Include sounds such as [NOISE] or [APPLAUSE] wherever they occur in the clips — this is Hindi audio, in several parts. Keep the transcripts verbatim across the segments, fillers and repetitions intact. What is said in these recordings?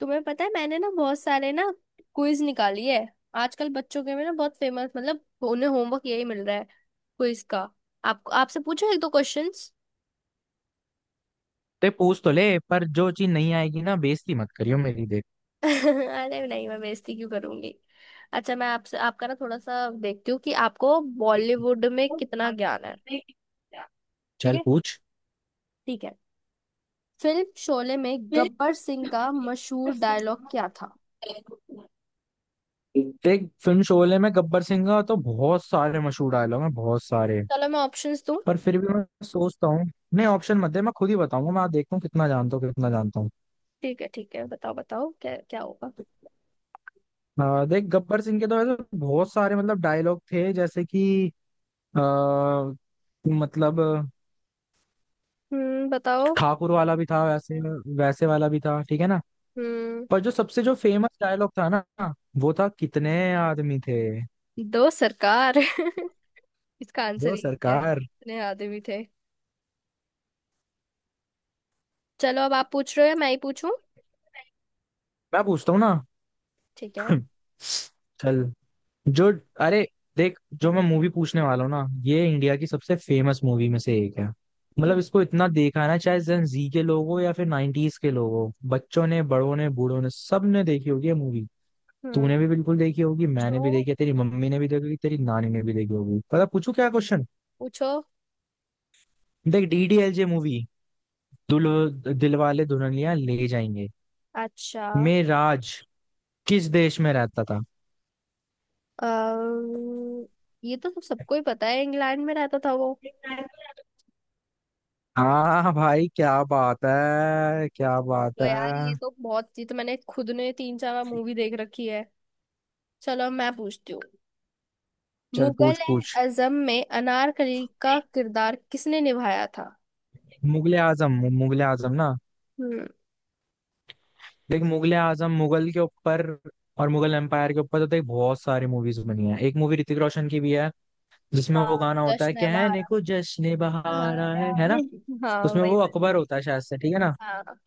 तुम्हें पता है मैंने ना बहुत सारे ना क्विज निकाली है। आजकल बच्चों के में ना बहुत फेमस, मतलब उन्हें होमवर्क यही मिल रहा है, क्विज का। आपको आपसे पूछो एक दो क्वेश्चंस। ते पूछ तो ले, पर जो चीज नहीं आएगी ना, बेइज्जती मत करियो मेरी। देख, [LAUGHS] अरे नहीं, मैं बेइज्जती क्यों करूंगी। अच्छा, मैं आपसे आपका ना थोड़ा सा देखती हूँ कि आपको बॉलीवुड में कितना ज्ञान है। ठीक चल है। पूछ। ठीक है। फिल्म शोले में गब्बर सिंह का मशहूर डायलॉग क्या था? देख, फिल्म शोले में गब्बर सिंह का तो बहुत सारे मशहूर डायलॉग हैं, बहुत सारे। चलो मैं ऑप्शंस दूं। पर फिर भी मैं सोचता हूँ। नहीं, ऑप्शन मत दे, मैं खुद ही बताऊंगा। मैं देखता हूँ कितना जानता हूँ कितना जानता हूँ। ठीक है ठीक है, बताओ बताओ, क्या क्या होगा? अ, देख, गब्बर सिंह के तो ऐसे बहुत सारे मतलब डायलॉग थे, जैसे कि आ, मतलब हम्म, बताओ। ठाकुर वाला भी था वैसे। वैसे वाला भी था, ठीक है ना। हम्म। पर जो सबसे जो फेमस डायलॉग था ना, वो था कितने आदमी थे। दो सरकार। [LAUGHS] इसका आंसर दो ही है सरकार। इतने आदमी थे। चलो, अब आप पूछ रहे हो या मैं ही पूछूं? मैं पूछता हूँ ना। ठीक है। [LAUGHS] चल। जो, अरे, देख जो मैं मूवी पूछने वाला हूँ ना, ये इंडिया की सबसे फेमस मूवी में से एक है। हम्म। मतलब इसको इतना देखा है ना, चाहे जेन जी के लोग हो या फिर नाइनटीज के लोग हो, बच्चों ने, बड़ों ने, बूढ़ों ने सबने देखी होगी ये मूवी। हम्म, तूने भी बिल्कुल देखी होगी, मैंने भी पूछो। देखी है, तेरी मम्मी ने भी देखी होगी, तेरी नानी ने भी देखी होगी। पता, पूछू क्या क्वेश्चन। पूछो। देख, D D L J movie, दुल्हो दिलवाले दुल्हनिया ले जाएंगे, अच्छा। में राज किस देश में रहता था। अम्म, ये तो सबको ही पता है, इंग्लैंड में रहता था वो। हाँ भाई, क्या बात है, क्या बात तो है। यार ये तो बहुत, ये तो मैंने खुद ने तीन चार बार मूवी देख रखी है। चलो अब मैं पूछती हूँ। चल, मुगल पूछ पूछ। आजम में अनारकली का किरदार किसने निभाया था? मुगले आजम। मुगले आजम ना। हम्म। देख, मुगले आजम मुगल के ऊपर और मुगल एम्पायर के ऊपर तो देख, बहुत सारी मूवीज बनी है। एक मूवी ऋतिक रोशन की भी है, जिसमें वो हाँ, गाना होता है, जश्न है कहने बहारा। को, जश्न हाँ। बहारा है है ना। हाँ, उसमें वही वो बात। अकबर होता है शायद से, ठीक है ना। हाँ।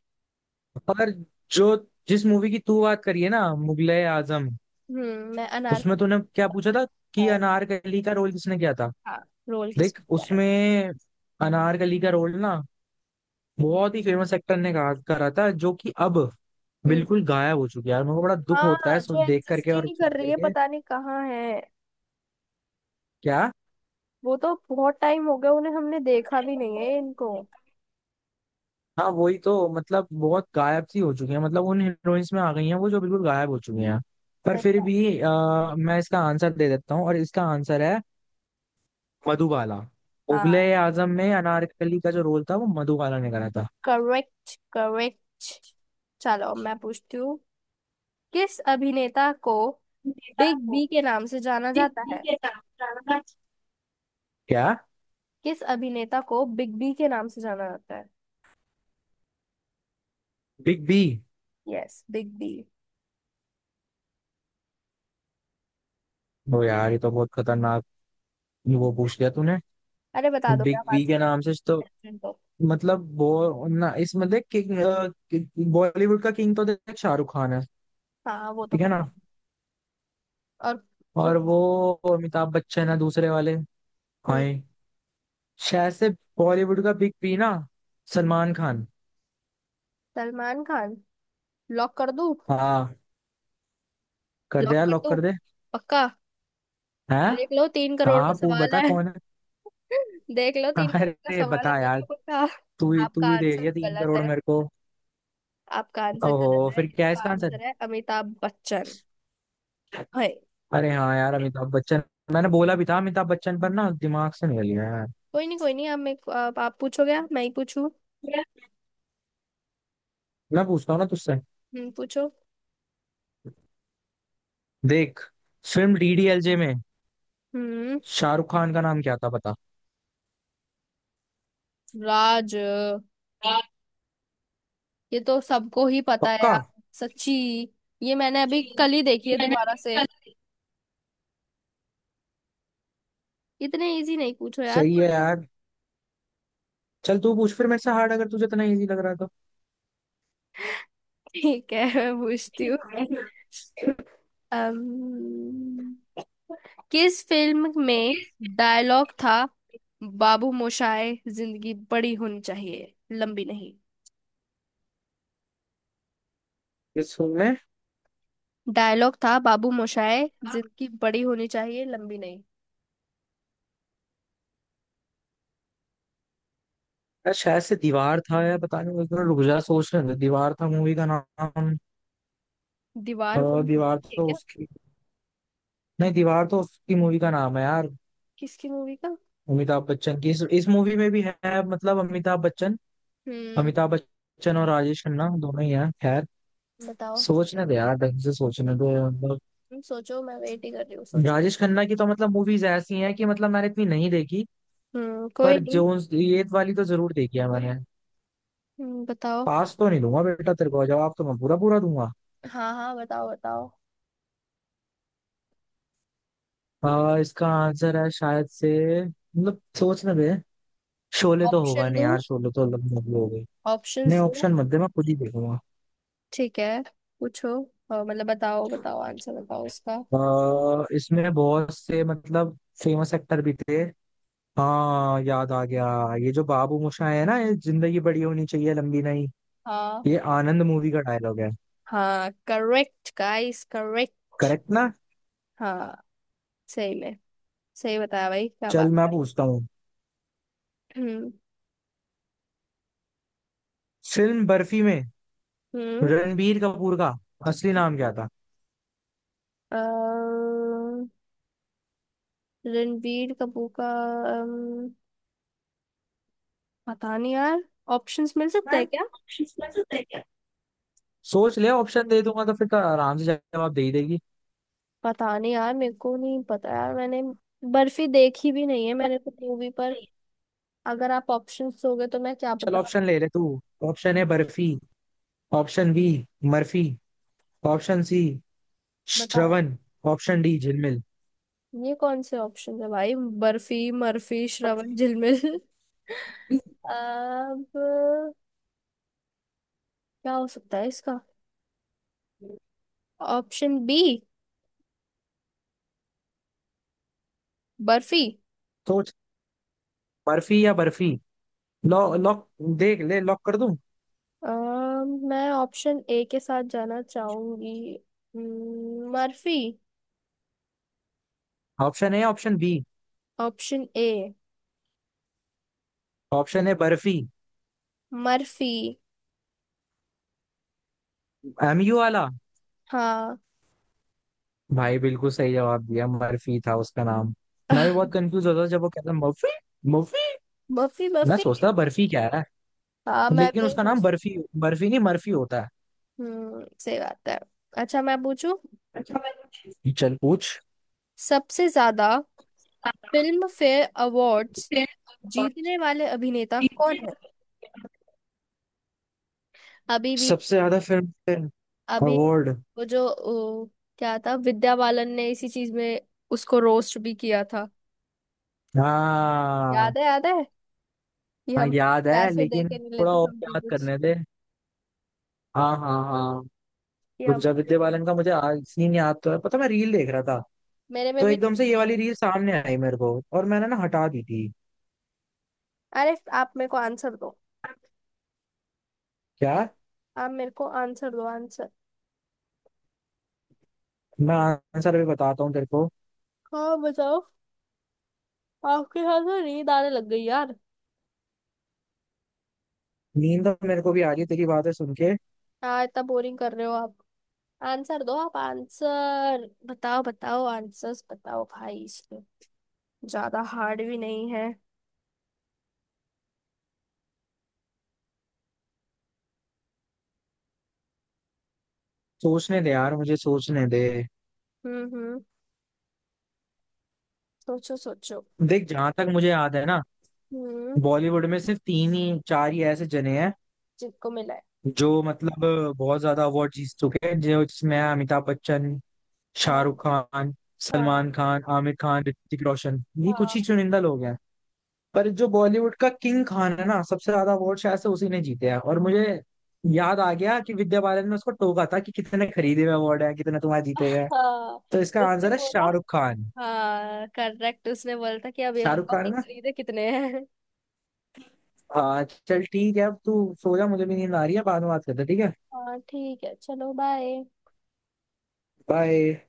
पर जो, जिस मूवी की तू बात करी है ना, मुगले आजम, हम्म, मैं उसमें अनारकली। तूने क्या पूछा था कि है। अनारकली का रोल किसने किया था। हाँ। रोल किस पे? देख उसमें, अनारकली का रोल ना बहुत ही फेमस एक्टर ने कहा करा था, जो कि अब हम्म, बिल्कुल गायब हो चुकी है यार। मेरे को बड़ा दुख होता है हाँ, जो सुन देख करके एग्जिस्ट ही और नहीं सुन कर रही है, करके। पता नहीं कहाँ है। क्या। वो तो बहुत टाइम हो गया, उन्हें हमने देखा भी नहीं है, इनको। हाँ वही तो, मतलब बहुत गायब सी हो चुकी है। मतलब उन हीरोइंस में आ गई हैं वो जो बिल्कुल गायब हो चुकी हैं। पर सही फिर बात। भी आ, मैं इसका आंसर दे देता हूँ, और इसका आंसर है मधुबाला। मुगले हाँ आजम में अनारकली का जो रोल था, वो मधुबाला ने करा था। Correct correct. चलो मैं पूछती हूँ। किस अभिनेता को बिग बी के नाम से जाना जाता है? क्या, किस अभिनेता को बिग बी के नाम से जाना जाता है? Big B. Yes, big B. ओ यार, ये तो बहुत खतरनाक वो पूछ लिया तूने। अरे बता दो, बिग क्या बी बात के नाम से तो, है तो। मतलब वो ना, इसमें देख, किंग, बॉलीवुड का किंग तो देख शाहरुख खान है, हाँ वो तो ठीक है पता ना। है। और वो। और वो अमिताभ बच्चन है दूसरे वाले। हाँ, हम्म। शायद से बॉलीवुड का बिग बी ना सलमान खान। सलमान खान। लॉक कर दूं? हाँ, कर दे लॉक यार, कर लॉक दो। कर दे। पक्का। है। देख लो, तीन करोड़ का हाँ, पू सवाल बता है। कौन है। [LAUGHS] देख लो, तीन करोड़ [LAUGHS] का अरे सवाल है। बता यार। पक्का पक्का। तू ही आपका तू ही दे आंसर रही है तीन गलत करोड़ है। मेरे को। आपका आंसर गलत ओहो, है, फिर क्या है इसका इसका आंसर। आंसर है अमिताभ बच्चन। है। अरे हाँ यार, अमिताभ बच्चन। मैंने बोला भी था अमिताभ बच्चन, पर ना दिमाग से निकल गया यार। कोई नहीं कोई नहीं, आप मेरे को- आप, आप पूछोगे या मैं ही पूछूं? मैं पूछता हूँ ना तुझसे। हम्म, पूछो। देख, film D D L J में हम्म, शाहरुख खान का नाम क्या था, बता। राज। ये तो सबको ही पता है पक्का। यार। सच्ची। ये मैंने अभी कल ही देखी है दोबारा से। इतने इजी नहीं पूछो यार सही है पर। यार। चल, तू पूछ फिर मेरे से हार्ड, अगर तुझे इतना इजी लग रहा है तो। ठीक है। [LAUGHS] मैं पूछती हूँ। अम्म, किस फिल्म में डायलॉग था बाबू मोशाय, जिंदगी बड़ी होनी चाहिए, लंबी नहीं? इस फिल्म में, डायलॉग था बाबू मोशाय, जिंदगी बड़ी होनी चाहिए, लंबी नहीं। यार शायद से दीवार था यार। पता नहीं, मैं थोड़ा रुक जा, सोच रहे थे दीवार था मूवी का नाम। अ, दीवार को दीवार देखिए तो क्या? उसकी, नहीं, दीवार तो उसकी मूवी का नाम है यार। किसकी मूवी का? अमिताभ बच्चन की, इस, इस मूवी में भी है, मतलब अमिताभ बच्चन, हम्म, अमिताभ बच्चन और राजेश खन्ना दोनों ही हैं, खैर। बताओ। सोचने दे यार, ढंग से सोचने दे, मतलब। तुम सोचो, मैं वेट ही कर रही हूँ, सोचो। राजेश खन्ना की तो मतलब मूवीज ऐसी हैं कि मतलब मैंने इतनी नहीं देखी। हम्म, पर कोई नहीं। जो, ये वाली तो जरूर देखी है मैंने। हम्म, बताओ। पास तो नहीं दूंगा बेटा तेरे को, जवाब तो मैं पूरा पूरा दूंगा। हाँ हाँ, बताओ बताओ। आ, इसका आंसर है शायद से, मतलब सोचने दे, शोले तो होगा ऑप्शन नहीं दो। यार, शोले तो अलग मूवी हो गई। ऑप्शन नहीं, दो। ऑप्शन मत दे, मैं खुद ही देखूंगा। ठीक है। पूछो। और मतलब बताओ बताओ, आंसर बताओ उसका। आ, इसमें बहुत से मतलब फेमस एक्टर भी थे। हाँ याद आ गया। ये जो बाबू मोशाय है ना, ये जिंदगी बड़ी होनी चाहिए लंबी नहीं, हाँ। ये आनंद मूवी का डायलॉग है। हाँ करेक्ट गाइस, करेक्ट। करेक्ट ना। हाँ, सही में। सही बताया भाई, क्या चल, बात मैं है। पूछता हूँ। हम्म। फिल्म बर्फी में हम्म। रणबीर कपूर का असली नाम क्या था। अ, रणबीर कपूर का। अम, पता नहीं यार। ऑप्शंस मिल सकते हैं क्या? सोच ले, ऑप्शन दे दूंगा तो फिर तो आराम से जवाब दे ही देगी। पता नहीं यार, मेरे को नहीं पता यार, मैंने बर्फी देखी भी नहीं है मैंने तो मूवी, पर अगर आप ऑप्शंस दोगे तो मैं क्या चल, बता। ऑप्शन ले ले तू। Option A Barfi, option B Murphy, option C बता। Shravan, option D Jhilmil. ये कौन से ऑप्शन है भाई? बर्फी, मर्फी, श्रवण, झिलमिल। [LAUGHS] अब क्या। हो सकता है इसका ऑप्शन बी, बर्फी। सोच, बर्फी या बर्फी। Lock lock. देख ले, लॉक कर दूं। अ, मैं ऑप्शन ए के साथ जाना चाहूंगी। हम्म, Murphy. Option A, option B, option A, option A Barfi. Murphy. M U वाला। हाँ। भाई, बिल्कुल सही जवाब दिया, मर्फी था उसका नाम। मैं भी बहुत [LAUGHS] कंफ्यूज होता था जब वो कहता मर्फी, मर्फी। मर्फी, मैं मर्फी। सोचता था बर्फी क्या है। हाँ, मैं भी लेकिन यही उसका नाम सोच- बर्फी, बर्फी नहीं, मर्फी होता हम्म, सही बात है। अच्छा मैं पूछूं? है। चल पूछ। सबसे ज्यादा फिल्म फेयर अवार्ड्स जीतने वाले अभिनेता कौन है? अभी भी। सबसे ज्यादा फिल्म अभी। अवार्ड। वो जो ओ, क्या था, विद्या बालन ने इसी चीज में उसको रोस्ट भी किया था। हाँ याद है याद है। कि हाँ हम याद है पैसे दे लेकिन, के नहीं थोड़ा लेते और समथिंग याद कुछ। करने थे। हाँ हाँ हाँ। कि हम गुंजा, विद्या बालन का मुझे आज सीन याद तो है, पता, मैं रील देख रहा था, मेरे में तो भी एकदम से ये नहीं वाली है। रील सामने आई मेरे को, और मैंने ना हटा दी थी। अरे आप मेरे को आंसर दो। क्या। आप मेरे को आंसर दो, आंसर। मैं आंसर अभी बताता हूँ तेरे को। हाँ, बताओ। आपके साथ तो नींद आने लग गई यार। नींद तो मेरे को भी आ रही है तेरी बातें सुन के। हाँ, इतना बोरिंग कर रहे हो आप। आंसर दो आप, आंसर बताओ, बताओ आंसर्स बताओ भाई, इसमें ज्यादा हार्ड भी नहीं है। सोचने दे यार, मुझे सोचने दे। हम्म हम्म, सोचो सोचो। देख, जहां तक मुझे याद है ना, हम्म, बॉलीवुड में सिर्फ तीन ही चार ही ऐसे जने हैं जिनको मिला है। जो, मतलब, बहुत ज्यादा अवार्ड जीत चुके हैं, जो जिसमें हैं अमिताभ बच्चन, शाहरुख हाँ खान, हाँ सलमान खान, आमिर खान, ऋतिक रोशन, ये कुछ ही हाँ। चुनिंदा लोग हैं। पर जो बॉलीवुड का किंग खान है ना, सबसे ज्यादा अवार्ड शायद से उसी ने जीते हैं, और मुझे याद आ गया कि विद्या बालन ने उसको टोका था कि कितने खरीदे हुए अवार्ड है, कितने तुम्हारे जीते गए। [LAUGHS] हाँ, तो इसका उसने आंसर है बोला। शाहरुख खान। हाँ करेक्ट, उसने बोला था कि अब ये शाहरुख बताओ खान कि है ना। खरीदे कितने हैं। हाँ चल, ठीक है। अब तू सो जा, मुझे भी नींद आ रही है, बाद में बात करते हैं, ठीक है। हाँ ठीक है, चलो बाय। बाय।